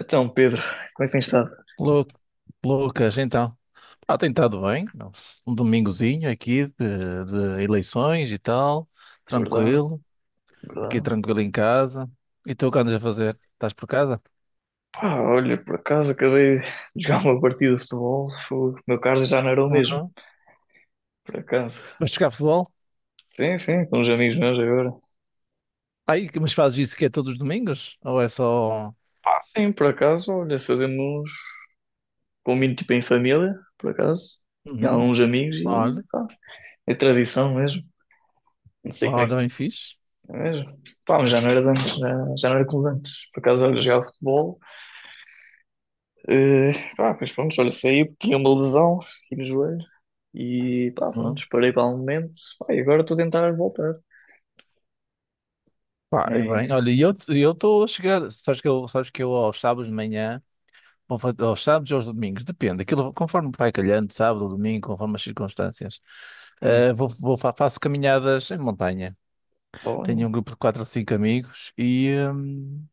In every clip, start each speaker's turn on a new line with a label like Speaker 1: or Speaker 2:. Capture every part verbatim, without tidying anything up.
Speaker 1: Então, Pedro, como é que tens estado?
Speaker 2: Lu- Lucas, então, ah, tem estado bem, um domingozinho aqui de, de eleições e tal,
Speaker 1: Verdade,
Speaker 2: tranquilo, aqui
Speaker 1: verdade.
Speaker 2: tranquilo em casa. E tu o que andas a fazer? Estás por casa?
Speaker 1: Pá, olha, por acaso acabei de jogar uma partida de futebol, fogo, meu carro já não era o mesmo,
Speaker 2: Ah,
Speaker 1: por acaso.
Speaker 2: vais jogar futebol?
Speaker 1: Sim, sim, com uns amigos meus agora.
Speaker 2: Aí, mas fazes isso que é todos os domingos? Ou é só.
Speaker 1: Ah, sim, por acaso, olha, fazemos combino tipo em família, por acaso, e
Speaker 2: Uhum.
Speaker 1: alguns amigos e
Speaker 2: Olha,
Speaker 1: pá, é tradição mesmo. Não sei como é que
Speaker 2: olha, bem fixe.
Speaker 1: é mesmo. Pá, mas já não era de antes, já, já não era como de antes. Por acaso, olha, jogava futebol. Eh, pá, pois pronto, olha, saí porque tinha uma lesão aqui no joelho e pá, pronto,
Speaker 2: Uhum.
Speaker 1: parei para um momento. Pá, e agora estou a tentar voltar.
Speaker 2: Pá, é
Speaker 1: É
Speaker 2: bem,
Speaker 1: isso.
Speaker 2: olha, e eu eu estou a chegar, sabes que eu, sabes que eu aos sábados de manhã, ou fa- aos sábados ou aos domingos, depende, aquilo conforme vai calhando, sábado ou domingo, conforme as circunstâncias.
Speaker 1: Hum,
Speaker 2: Uh, vou, vou, fa- faço caminhadas em montanha.
Speaker 1: tá bom,
Speaker 2: Tenho um grupo de quatro ou cinco amigos e hum,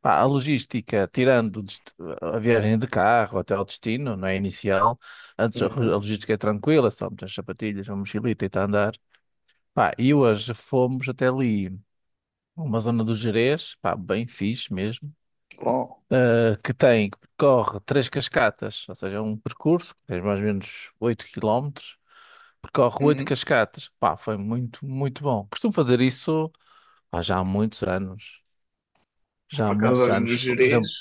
Speaker 2: pá, a logística, tirando o dest- a viagem de carro até ao destino, não é inicial, antes a ro- a
Speaker 1: uhum,
Speaker 2: logística é tranquila, só meter as sapatilhas, uma mochilita e está a andar. Pá, e hoje fomos até ali, uma zona do Gerês, pá, bem fixe mesmo,
Speaker 1: bom,
Speaker 2: uh, que tem, que percorre três cascatas, ou seja, é um percurso que tem mais ou menos oito quilómetros. Percorre oito
Speaker 1: uhum.
Speaker 2: cascatas. Pá, foi muito, muito bom. Costumo fazer isso, pá, já há muitos anos. Já há
Speaker 1: Por acaso,
Speaker 2: muitos
Speaker 1: olha, no
Speaker 2: anos. Por
Speaker 1: Gerês,
Speaker 2: exemplo,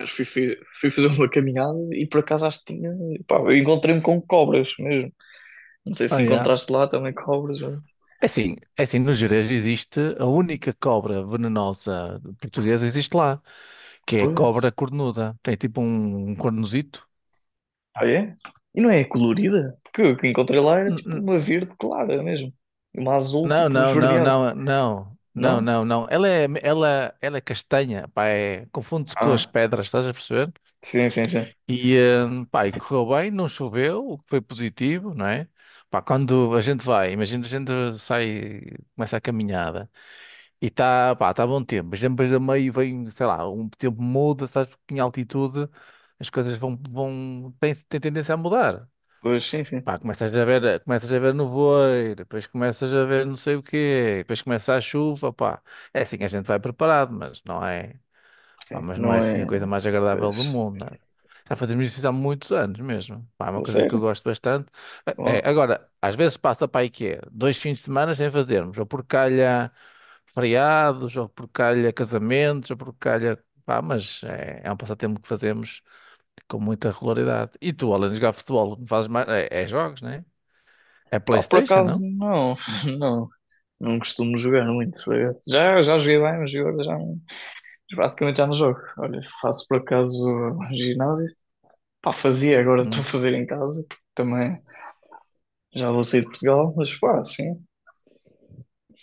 Speaker 1: acho que fui, fui- fui fazer uma caminhada e por acaso acho que tinha. Pá, eu encontrei-me com cobras mesmo. Não sei se
Speaker 2: ah, é.
Speaker 1: encontraste lá também cobras, mas-
Speaker 2: É assim, é assim, no Gerês existe a única cobra venenosa portuguesa existe lá, que é a
Speaker 1: Pois.
Speaker 2: cobra cornuda. Tem tipo um, um cornozito.
Speaker 1: Ah, é? E não é colorida? Porque o que encontrei lá era
Speaker 2: N-
Speaker 1: tipo
Speaker 2: n-
Speaker 1: uma verde clara mesmo. E uma azul
Speaker 2: Não,
Speaker 1: tipo
Speaker 2: não, não,
Speaker 1: esverdeado.
Speaker 2: não, não, não,
Speaker 1: Não?
Speaker 2: não, não. Ela é, ela, ela é castanha, pá, é, confunde-se com as
Speaker 1: Ah,
Speaker 2: pedras, estás a perceber?
Speaker 1: sim, sim, sim.
Speaker 2: E, eh, pá, e correu bem, não choveu, o que foi positivo, não é? Pá, quando a gente vai, imagina a gente sai, começa a caminhada e está, pá, está bom tempo, mas depois a meio vem, sei lá, um tempo muda, sabes, porque em altitude as coisas vão, vão, têm, têm tendência a mudar.
Speaker 1: Pois sim, sim.
Speaker 2: Pá, começas a ver, começas a ver nevoeiro, depois começas a ver não sei o quê, depois começa a chuva, pá. É assim, a gente vai preparado, mas não é. Pá,
Speaker 1: Sim.
Speaker 2: mas não é
Speaker 1: Não
Speaker 2: assim a
Speaker 1: é.
Speaker 2: coisa mais agradável do
Speaker 1: Pois.
Speaker 2: mundo, nada. Já fazemos isso há muitos anos mesmo. Pá, é uma
Speaker 1: É
Speaker 2: coisa que eu
Speaker 1: sério?
Speaker 2: gosto bastante. É, é,
Speaker 1: Bom.
Speaker 2: agora, às vezes passa para aí que é dois fins de semana sem fazermos, ou por calha feriados, ou por calha casamentos, ou por calha. Pá, mas é, é um passatempo que fazemos com muita regularidade. E tu, além de jogar futebol, fazes mais. É, é jogos, né? É É
Speaker 1: Pá, por
Speaker 2: PlayStation,
Speaker 1: acaso
Speaker 2: não?
Speaker 1: não. Não. Não costumo jogar muito, por acaso. Já, já joguei bem, mas agora já não, praticamente já não jogo. Olha, faço por acaso ginásio. Pá, fazia, agora estou a
Speaker 2: Hum.
Speaker 1: fazer em casa, porque também já vou sair de Portugal, mas pá, sim.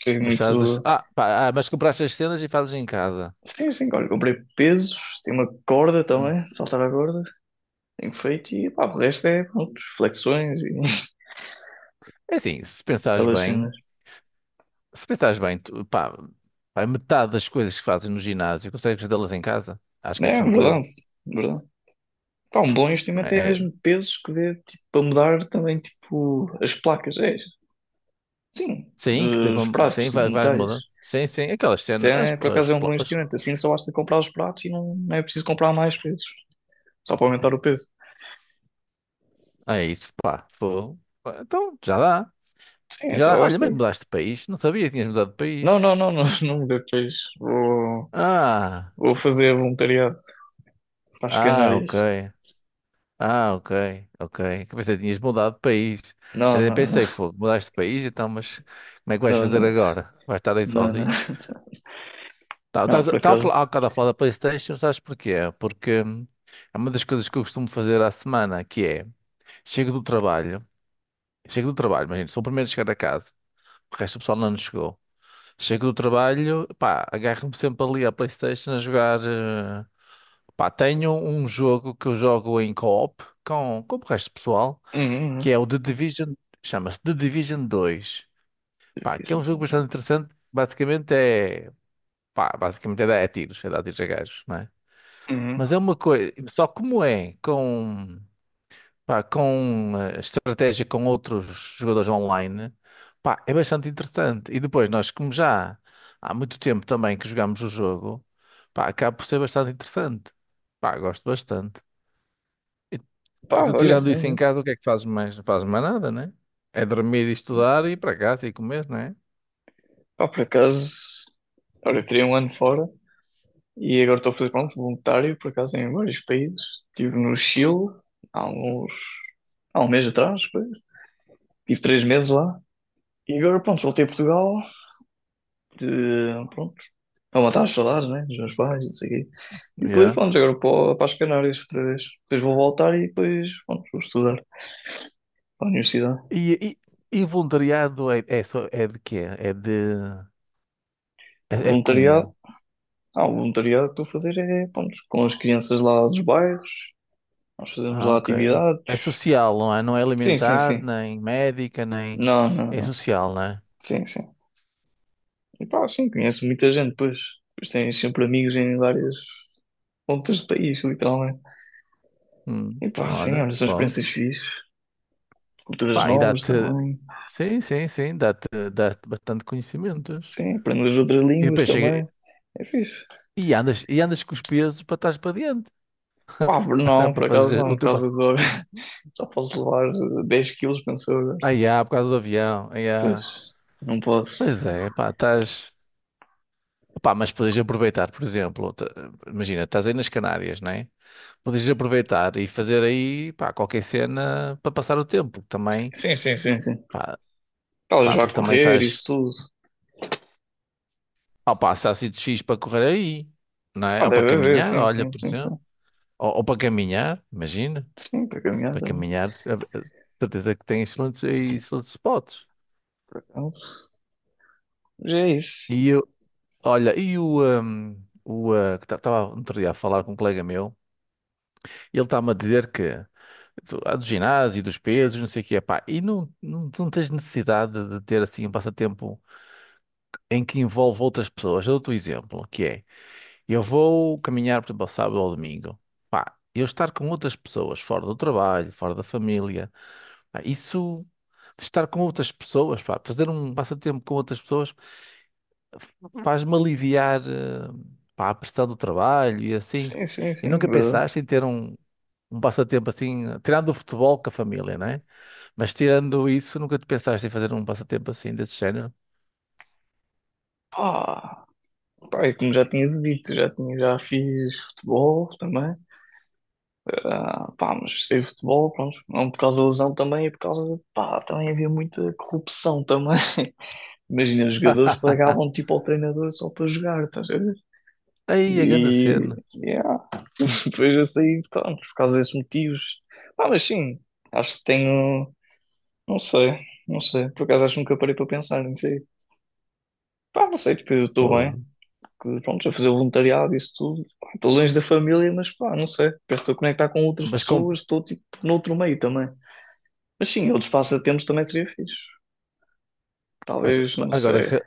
Speaker 1: Foi
Speaker 2: Mas fazes.
Speaker 1: muito.
Speaker 2: Ah, pá, ah, mas compraste as cenas e fazes em casa.
Speaker 1: Sim, sim, olha, comprei pesos, tem uma corda
Speaker 2: Hum.
Speaker 1: também, saltar a corda, tenho feito e pá, o resto é pronto, flexões e
Speaker 2: É assim, se pensares
Speaker 1: aquelas
Speaker 2: bem.
Speaker 1: cenas.
Speaker 2: Se pensares bem, tu- pá, pá, metade das coisas que fazes no ginásio consegues fazê-las em casa. Acho que é
Speaker 1: É
Speaker 2: tranquilo.
Speaker 1: verdade, verdade. Pá, um bom investimento é
Speaker 2: É, é,
Speaker 1: mesmo pesos que dê tipo, para mudar também tipo, as placas. É, sim,
Speaker 2: sim, que
Speaker 1: eh, os
Speaker 2: devam,
Speaker 1: pratos
Speaker 2: sim,
Speaker 1: tipo,
Speaker 2: vai-
Speaker 1: de
Speaker 2: vais
Speaker 1: metais.
Speaker 2: mudando. Sim, sim, aquelas
Speaker 1: Isso
Speaker 2: cenas, as,
Speaker 1: é, por
Speaker 2: as,
Speaker 1: acaso é um bom
Speaker 2: pla- as-
Speaker 1: investimento. Assim só basta comprar os pratos e não, não é preciso comprar mais pesos. Só para aumentar o peso.
Speaker 2: é isso, pá, fogo. Então, já dá.
Speaker 1: Sim, é
Speaker 2: Já
Speaker 1: só
Speaker 2: dá. Olha,
Speaker 1: basta
Speaker 2: mas
Speaker 1: isso.
Speaker 2: mudaste de país? Não sabia que tinhas mudado de
Speaker 1: Não,
Speaker 2: país.
Speaker 1: não, não, não, não me dê peixe. Vou,
Speaker 2: Ah,
Speaker 1: vou fazer voluntariado para as
Speaker 2: ah,
Speaker 1: Canárias.
Speaker 2: ok. Ah, ok, ok. Que pensei que tinhas mudado de país. Eu
Speaker 1: Não,
Speaker 2: até
Speaker 1: não, não,
Speaker 2: pensei, fogo, mudaste de país, então, mas como é que vais
Speaker 1: não,
Speaker 2: fazer
Speaker 1: não,
Speaker 2: agora? Vais estar aí
Speaker 1: não, não,
Speaker 2: sozinho? Tá,
Speaker 1: não,
Speaker 2: estás a-
Speaker 1: por
Speaker 2: estava a
Speaker 1: acaso.
Speaker 2: falar, há bocado a falar da PlayStation, sabes porquê? Porque hum, é uma das coisas que eu costumo fazer à semana, que é, chego do trabalho, chego do trabalho, imagina, sou o primeiro a chegar a casa, o resto do pessoal não chegou. Chego do trabalho, pá, agarro-me sempre ali à PlayStation a jogar, eh, pá, tenho um jogo que eu jogo em co-op com, com o resto do pessoal,
Speaker 1: Uhum, uhum.
Speaker 2: que é o The Division, chama-se The Division dois,
Speaker 1: Eu
Speaker 2: pá,
Speaker 1: fiz
Speaker 2: que é
Speaker 1: um
Speaker 2: um jogo
Speaker 1: plano.
Speaker 2: bastante interessante, basicamente é, pá, basicamente é dar é tiros, é dar tiros a gajos.
Speaker 1: Uhum.
Speaker 2: Mas é uma coisa, só como é com, pá, com eh, estratégia com outros jogadores online, pá, é bastante interessante. E depois nós, como já há muito tempo também que jogamos o jogo, pá, acaba por ser bastante interessante. Pá, gosto bastante. E, e
Speaker 1: Pá,
Speaker 2: tu
Speaker 1: olha,
Speaker 2: tirando
Speaker 1: sim,
Speaker 2: isso em
Speaker 1: sim.
Speaker 2: casa, o que é que fazes mais? Não fazes mais nada, né? É dormir e estudar e ir para casa e comer, né?
Speaker 1: Pá, por acaso. Olha, eu teria um ano fora. E agora estou a fazer, pronto, voluntário, por acaso, em vários países. Estive no Chile há uns, há um mês atrás, pois. Tive três meses lá. E agora, pronto, voltei a Portugal, de, pronto, para matar as saudades, né, dos meus pais, e não sei o quê. E depois,
Speaker 2: Yeah.
Speaker 1: pronto, agora para, para as Canárias outra vez. Depois vou voltar e depois, pronto, vou estudar para a universidade.
Speaker 2: E, e, e voluntariado é, é, só- é de quê? É de... É,
Speaker 1: O
Speaker 2: é
Speaker 1: voluntariado,
Speaker 2: como?
Speaker 1: ah, o voluntariado que estou a fazer é, pronto, com as crianças lá dos bairros, nós fazemos
Speaker 2: Ah,
Speaker 1: lá
Speaker 2: ok.
Speaker 1: atividades.
Speaker 2: É social, não é? Não é
Speaker 1: Sim, sim,
Speaker 2: alimentar,
Speaker 1: sim.
Speaker 2: nem médica, nem.
Speaker 1: Não, não,
Speaker 2: É
Speaker 1: não.
Speaker 2: social, não é?
Speaker 1: Sim, sim. E pá, sim, conheço muita gente, pois. Pois tens sempre amigos em várias pontas do país, literalmente.
Speaker 2: Hum,
Speaker 1: E pá, sim,
Speaker 2: olha,
Speaker 1: olha, são
Speaker 2: pronto.
Speaker 1: experiências fixes. Culturas
Speaker 2: Pá, e
Speaker 1: novas
Speaker 2: dá-te.
Speaker 1: também.
Speaker 2: Sim, sim, sim, dá-te dá-te bastante conhecimentos.
Speaker 1: Sim, aprendo as outras
Speaker 2: E
Speaker 1: línguas
Speaker 2: depois chega.
Speaker 1: também. É fixe.
Speaker 2: E andas, e andas com os pesos para trás para diante.
Speaker 1: Pá, por- não,
Speaker 2: Para
Speaker 1: por acaso
Speaker 2: fazer
Speaker 1: não,
Speaker 2: o
Speaker 1: por
Speaker 2: teu. pa-
Speaker 1: causa do óbvio. Só posso levar eh, dez quilos, penso eu agora.
Speaker 2: Ai, ah, por causa do avião. Ai, ah.
Speaker 1: Pois, não posso.
Speaker 2: Pois é, pá, estás. Pá, mas podes aproveitar, por exemplo, t- imagina, estás aí nas Canárias, não é? Podes aproveitar e fazer aí, pá, qualquer cena para passar o tempo. Também.
Speaker 1: Sim, sim, sim, sim.
Speaker 2: Pá,
Speaker 1: Talvez
Speaker 2: pá,
Speaker 1: vá
Speaker 2: porque também
Speaker 1: correr, isso
Speaker 2: estás.
Speaker 1: tudo.
Speaker 2: Ó pá, se há sítios fixes para correr aí, não é?
Speaker 1: Ah,
Speaker 2: Ou para
Speaker 1: deve haver,
Speaker 2: caminhar,
Speaker 1: sim,
Speaker 2: olha,
Speaker 1: sim,
Speaker 2: por
Speaker 1: sim,
Speaker 2: exemplo.
Speaker 1: sim.
Speaker 2: Ou, ou para caminhar, imagina.
Speaker 1: Sim, para caminhar
Speaker 2: Para
Speaker 1: também,
Speaker 2: caminhar, se- eh, eh, certeza que tem excelentes, aí excelentes spots.
Speaker 1: por acaso. Mas é
Speaker 2: E
Speaker 1: isso.
Speaker 2: eu, olha, e o. hum, o eh, que estava outro dia a falar com um colega meu, ele está-me a dizer que. do- há do ginásio, dos pesos, não sei o que é pá, e não, não, não tens necessidade de ter assim um passatempo em que envolve outras pessoas. Eu dou-te um exemplo, que é. Eu vou caminhar, por exemplo, ao sábado ou ao domingo. Pá, eu estar com outras pessoas, fora do trabalho, fora da família, pá, isso de estar com outras pessoas, pá, fazer um passatempo com outras pessoas faz-me aliviar, eh, pá, a pressão do trabalho e assim.
Speaker 1: Sim, sim,
Speaker 2: E
Speaker 1: sim,
Speaker 2: nunca
Speaker 1: verdade.
Speaker 2: pensaste em ter um, um passatempo assim, tirando o futebol com a família, não é? Mas tirando isso, nunca te pensaste em fazer um passatempo assim desse género?
Speaker 1: Pá. Pá, e como já tinha dito, já tinha, já fiz futebol também. Ah, pá, mas sei futebol, pronto, não por causa da lesão também, é por causa de, pá, também havia muita corrupção também. Imagina, os jogadores pagavam tipo ao treinador só para jogar, estás a ver?
Speaker 2: Aí, a grande
Speaker 1: E,
Speaker 2: cena.
Speaker 1: yeah. Depois eu saí, pronto, por causa desses motivos. Ah, mas sim, acho que tenho, não sei, não sei, por acaso acho que nunca parei para pensar, não sei. Pá, não sei, tipo, eu estou bem,
Speaker 2: Fogo.
Speaker 1: que, pronto, a fazer voluntariado, isso tudo. Pá, estou longe da família, mas pá, não sei. Parece que estou a conectar com outras
Speaker 2: Mas com...
Speaker 1: pessoas, estou tipo noutro meio também. Mas sim, outros passatempos também seria fixe. Talvez, não
Speaker 2: Agora
Speaker 1: sei.
Speaker 2: re-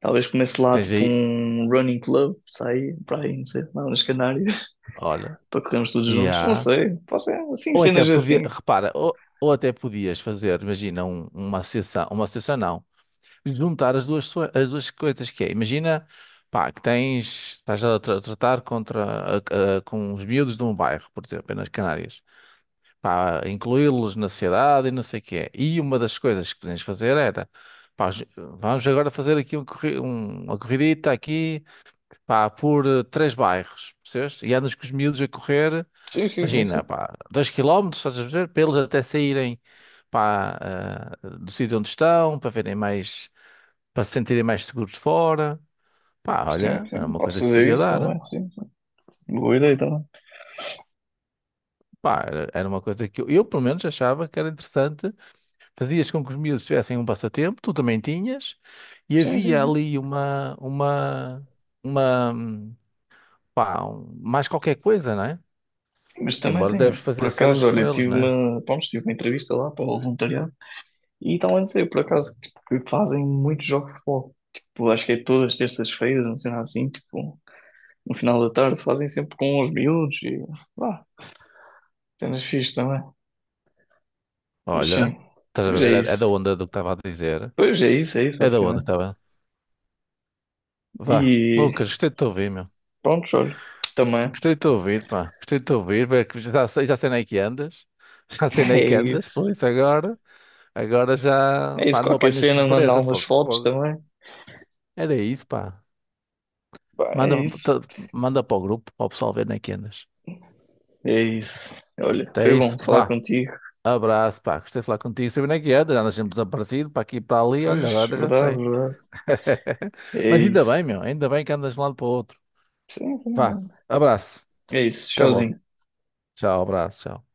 Speaker 1: Talvez comece lá
Speaker 2: tens
Speaker 1: tipo
Speaker 2: aí.
Speaker 1: um running club, sair para aí, não sei, lá nas Canárias,
Speaker 2: Olha.
Speaker 1: para corrermos todos juntos. Não
Speaker 2: Yeah.
Speaker 1: sei, pode ser assim,
Speaker 2: Ou até
Speaker 1: cenas
Speaker 2: podia,
Speaker 1: assim.
Speaker 2: repara, ou, ou até podias fazer, imagina, um- uma associação, uma associação não, juntar as duas, so- as duas coisas que é, imagina, pá, que tens, estás a tra- tratar contra, a- a- com os miúdos de um bairro, por exemplo, nas Canárias, pá, incluí-los na sociedade e não sei o que é. E uma das coisas que podemos fazer era, pá, ju- vamos agora fazer aqui um corri- um- uma corridita aqui, pá, por eh, três bairros, percebes? E andas com os miúdos a correr.
Speaker 1: Sim, sim, sim,
Speaker 2: Imagina,
Speaker 1: sim.
Speaker 2: pá, dois quilómetros, estás a ver? Para eles até saírem, pá, ah, do sítio onde estão, para verem mais, para se sentirem mais seguros fora. Pá,
Speaker 1: Sim,
Speaker 2: olha, era
Speaker 1: sim.
Speaker 2: uma
Speaker 1: Podes
Speaker 2: coisa que
Speaker 1: fazer
Speaker 2: podia
Speaker 1: isso
Speaker 2: dar.
Speaker 1: também, sim, sim. Boa ideia também.
Speaker 2: Pá, era, era uma coisa que eu, eu, pelo menos, achava que era interessante. Fazias com que os miúdos tivessem um passatempo, tu também tinhas, e
Speaker 1: Sim, sim,
Speaker 2: havia
Speaker 1: sim.
Speaker 2: ali uma, uma, uma, hum, pá, um- mais qualquer coisa, não é?
Speaker 1: Mas também
Speaker 2: Embora deves
Speaker 1: tem, por
Speaker 2: fazer cenas
Speaker 1: acaso,
Speaker 2: com
Speaker 1: olha,
Speaker 2: eles,
Speaker 1: tive
Speaker 2: não é?
Speaker 1: uma, pronto, tive uma entrevista lá para o voluntariado e estão a dizer, por acaso, tipo, que fazem muitos jogos de futebol. Tipo, acho que é todas as terças-feiras, não sei lá assim, tipo, no final da tarde fazem sempre com os miúdos e lá, cenas fixe também. Mas sim,
Speaker 2: Olha, estás a
Speaker 1: mas
Speaker 2: ver?
Speaker 1: é
Speaker 2: É é da
Speaker 1: isso.
Speaker 2: onda do que estava a dizer.
Speaker 1: Pois é isso, é isso,
Speaker 2: É da onda,
Speaker 1: basicamente.
Speaker 2: tá bem? Vá.
Speaker 1: E
Speaker 2: Lucas, gostei de te ouvir, meu.
Speaker 1: pronto, olha, também
Speaker 2: Gostei de te ouvir, pá. Gostei de te ouvir. Bem, que já sei, já sei nem que andas. Já sei nem que
Speaker 1: é
Speaker 2: andas. Foi
Speaker 1: isso.
Speaker 2: isso agora. Agora já.
Speaker 1: É isso,
Speaker 2: Pá, não me
Speaker 1: qualquer
Speaker 2: apanhas de
Speaker 1: cena, mandar
Speaker 2: surpresa.
Speaker 1: umas
Speaker 2: Fogo,
Speaker 1: fotos
Speaker 2: fogo.
Speaker 1: também.
Speaker 2: Era isso, pá.
Speaker 1: Pá,
Speaker 2: Manda,
Speaker 1: é isso.
Speaker 2: tá- manda para o grupo, para o pessoal ver nem que andas.
Speaker 1: É isso. Olha,
Speaker 2: Então é
Speaker 1: foi
Speaker 2: isso,
Speaker 1: bom falar
Speaker 2: vá.
Speaker 1: contigo.
Speaker 2: Abraço, pá. Gostei de falar contigo. Sabia nem que andas. Andas sempre desaparecido, para aqui e para ali. Olha,
Speaker 1: Pois,
Speaker 2: agora já
Speaker 1: verdade,
Speaker 2: sei.
Speaker 1: verdade. É
Speaker 2: Mas ainda
Speaker 1: isso.
Speaker 2: bem, meu. Ainda bem que andas de um lado para o outro.
Speaker 1: Sim,
Speaker 2: Vá.
Speaker 1: sim,
Speaker 2: Abraço.
Speaker 1: é É isso.
Speaker 2: Até logo.
Speaker 1: Showzinho.
Speaker 2: Tchau, abraço. Tchau.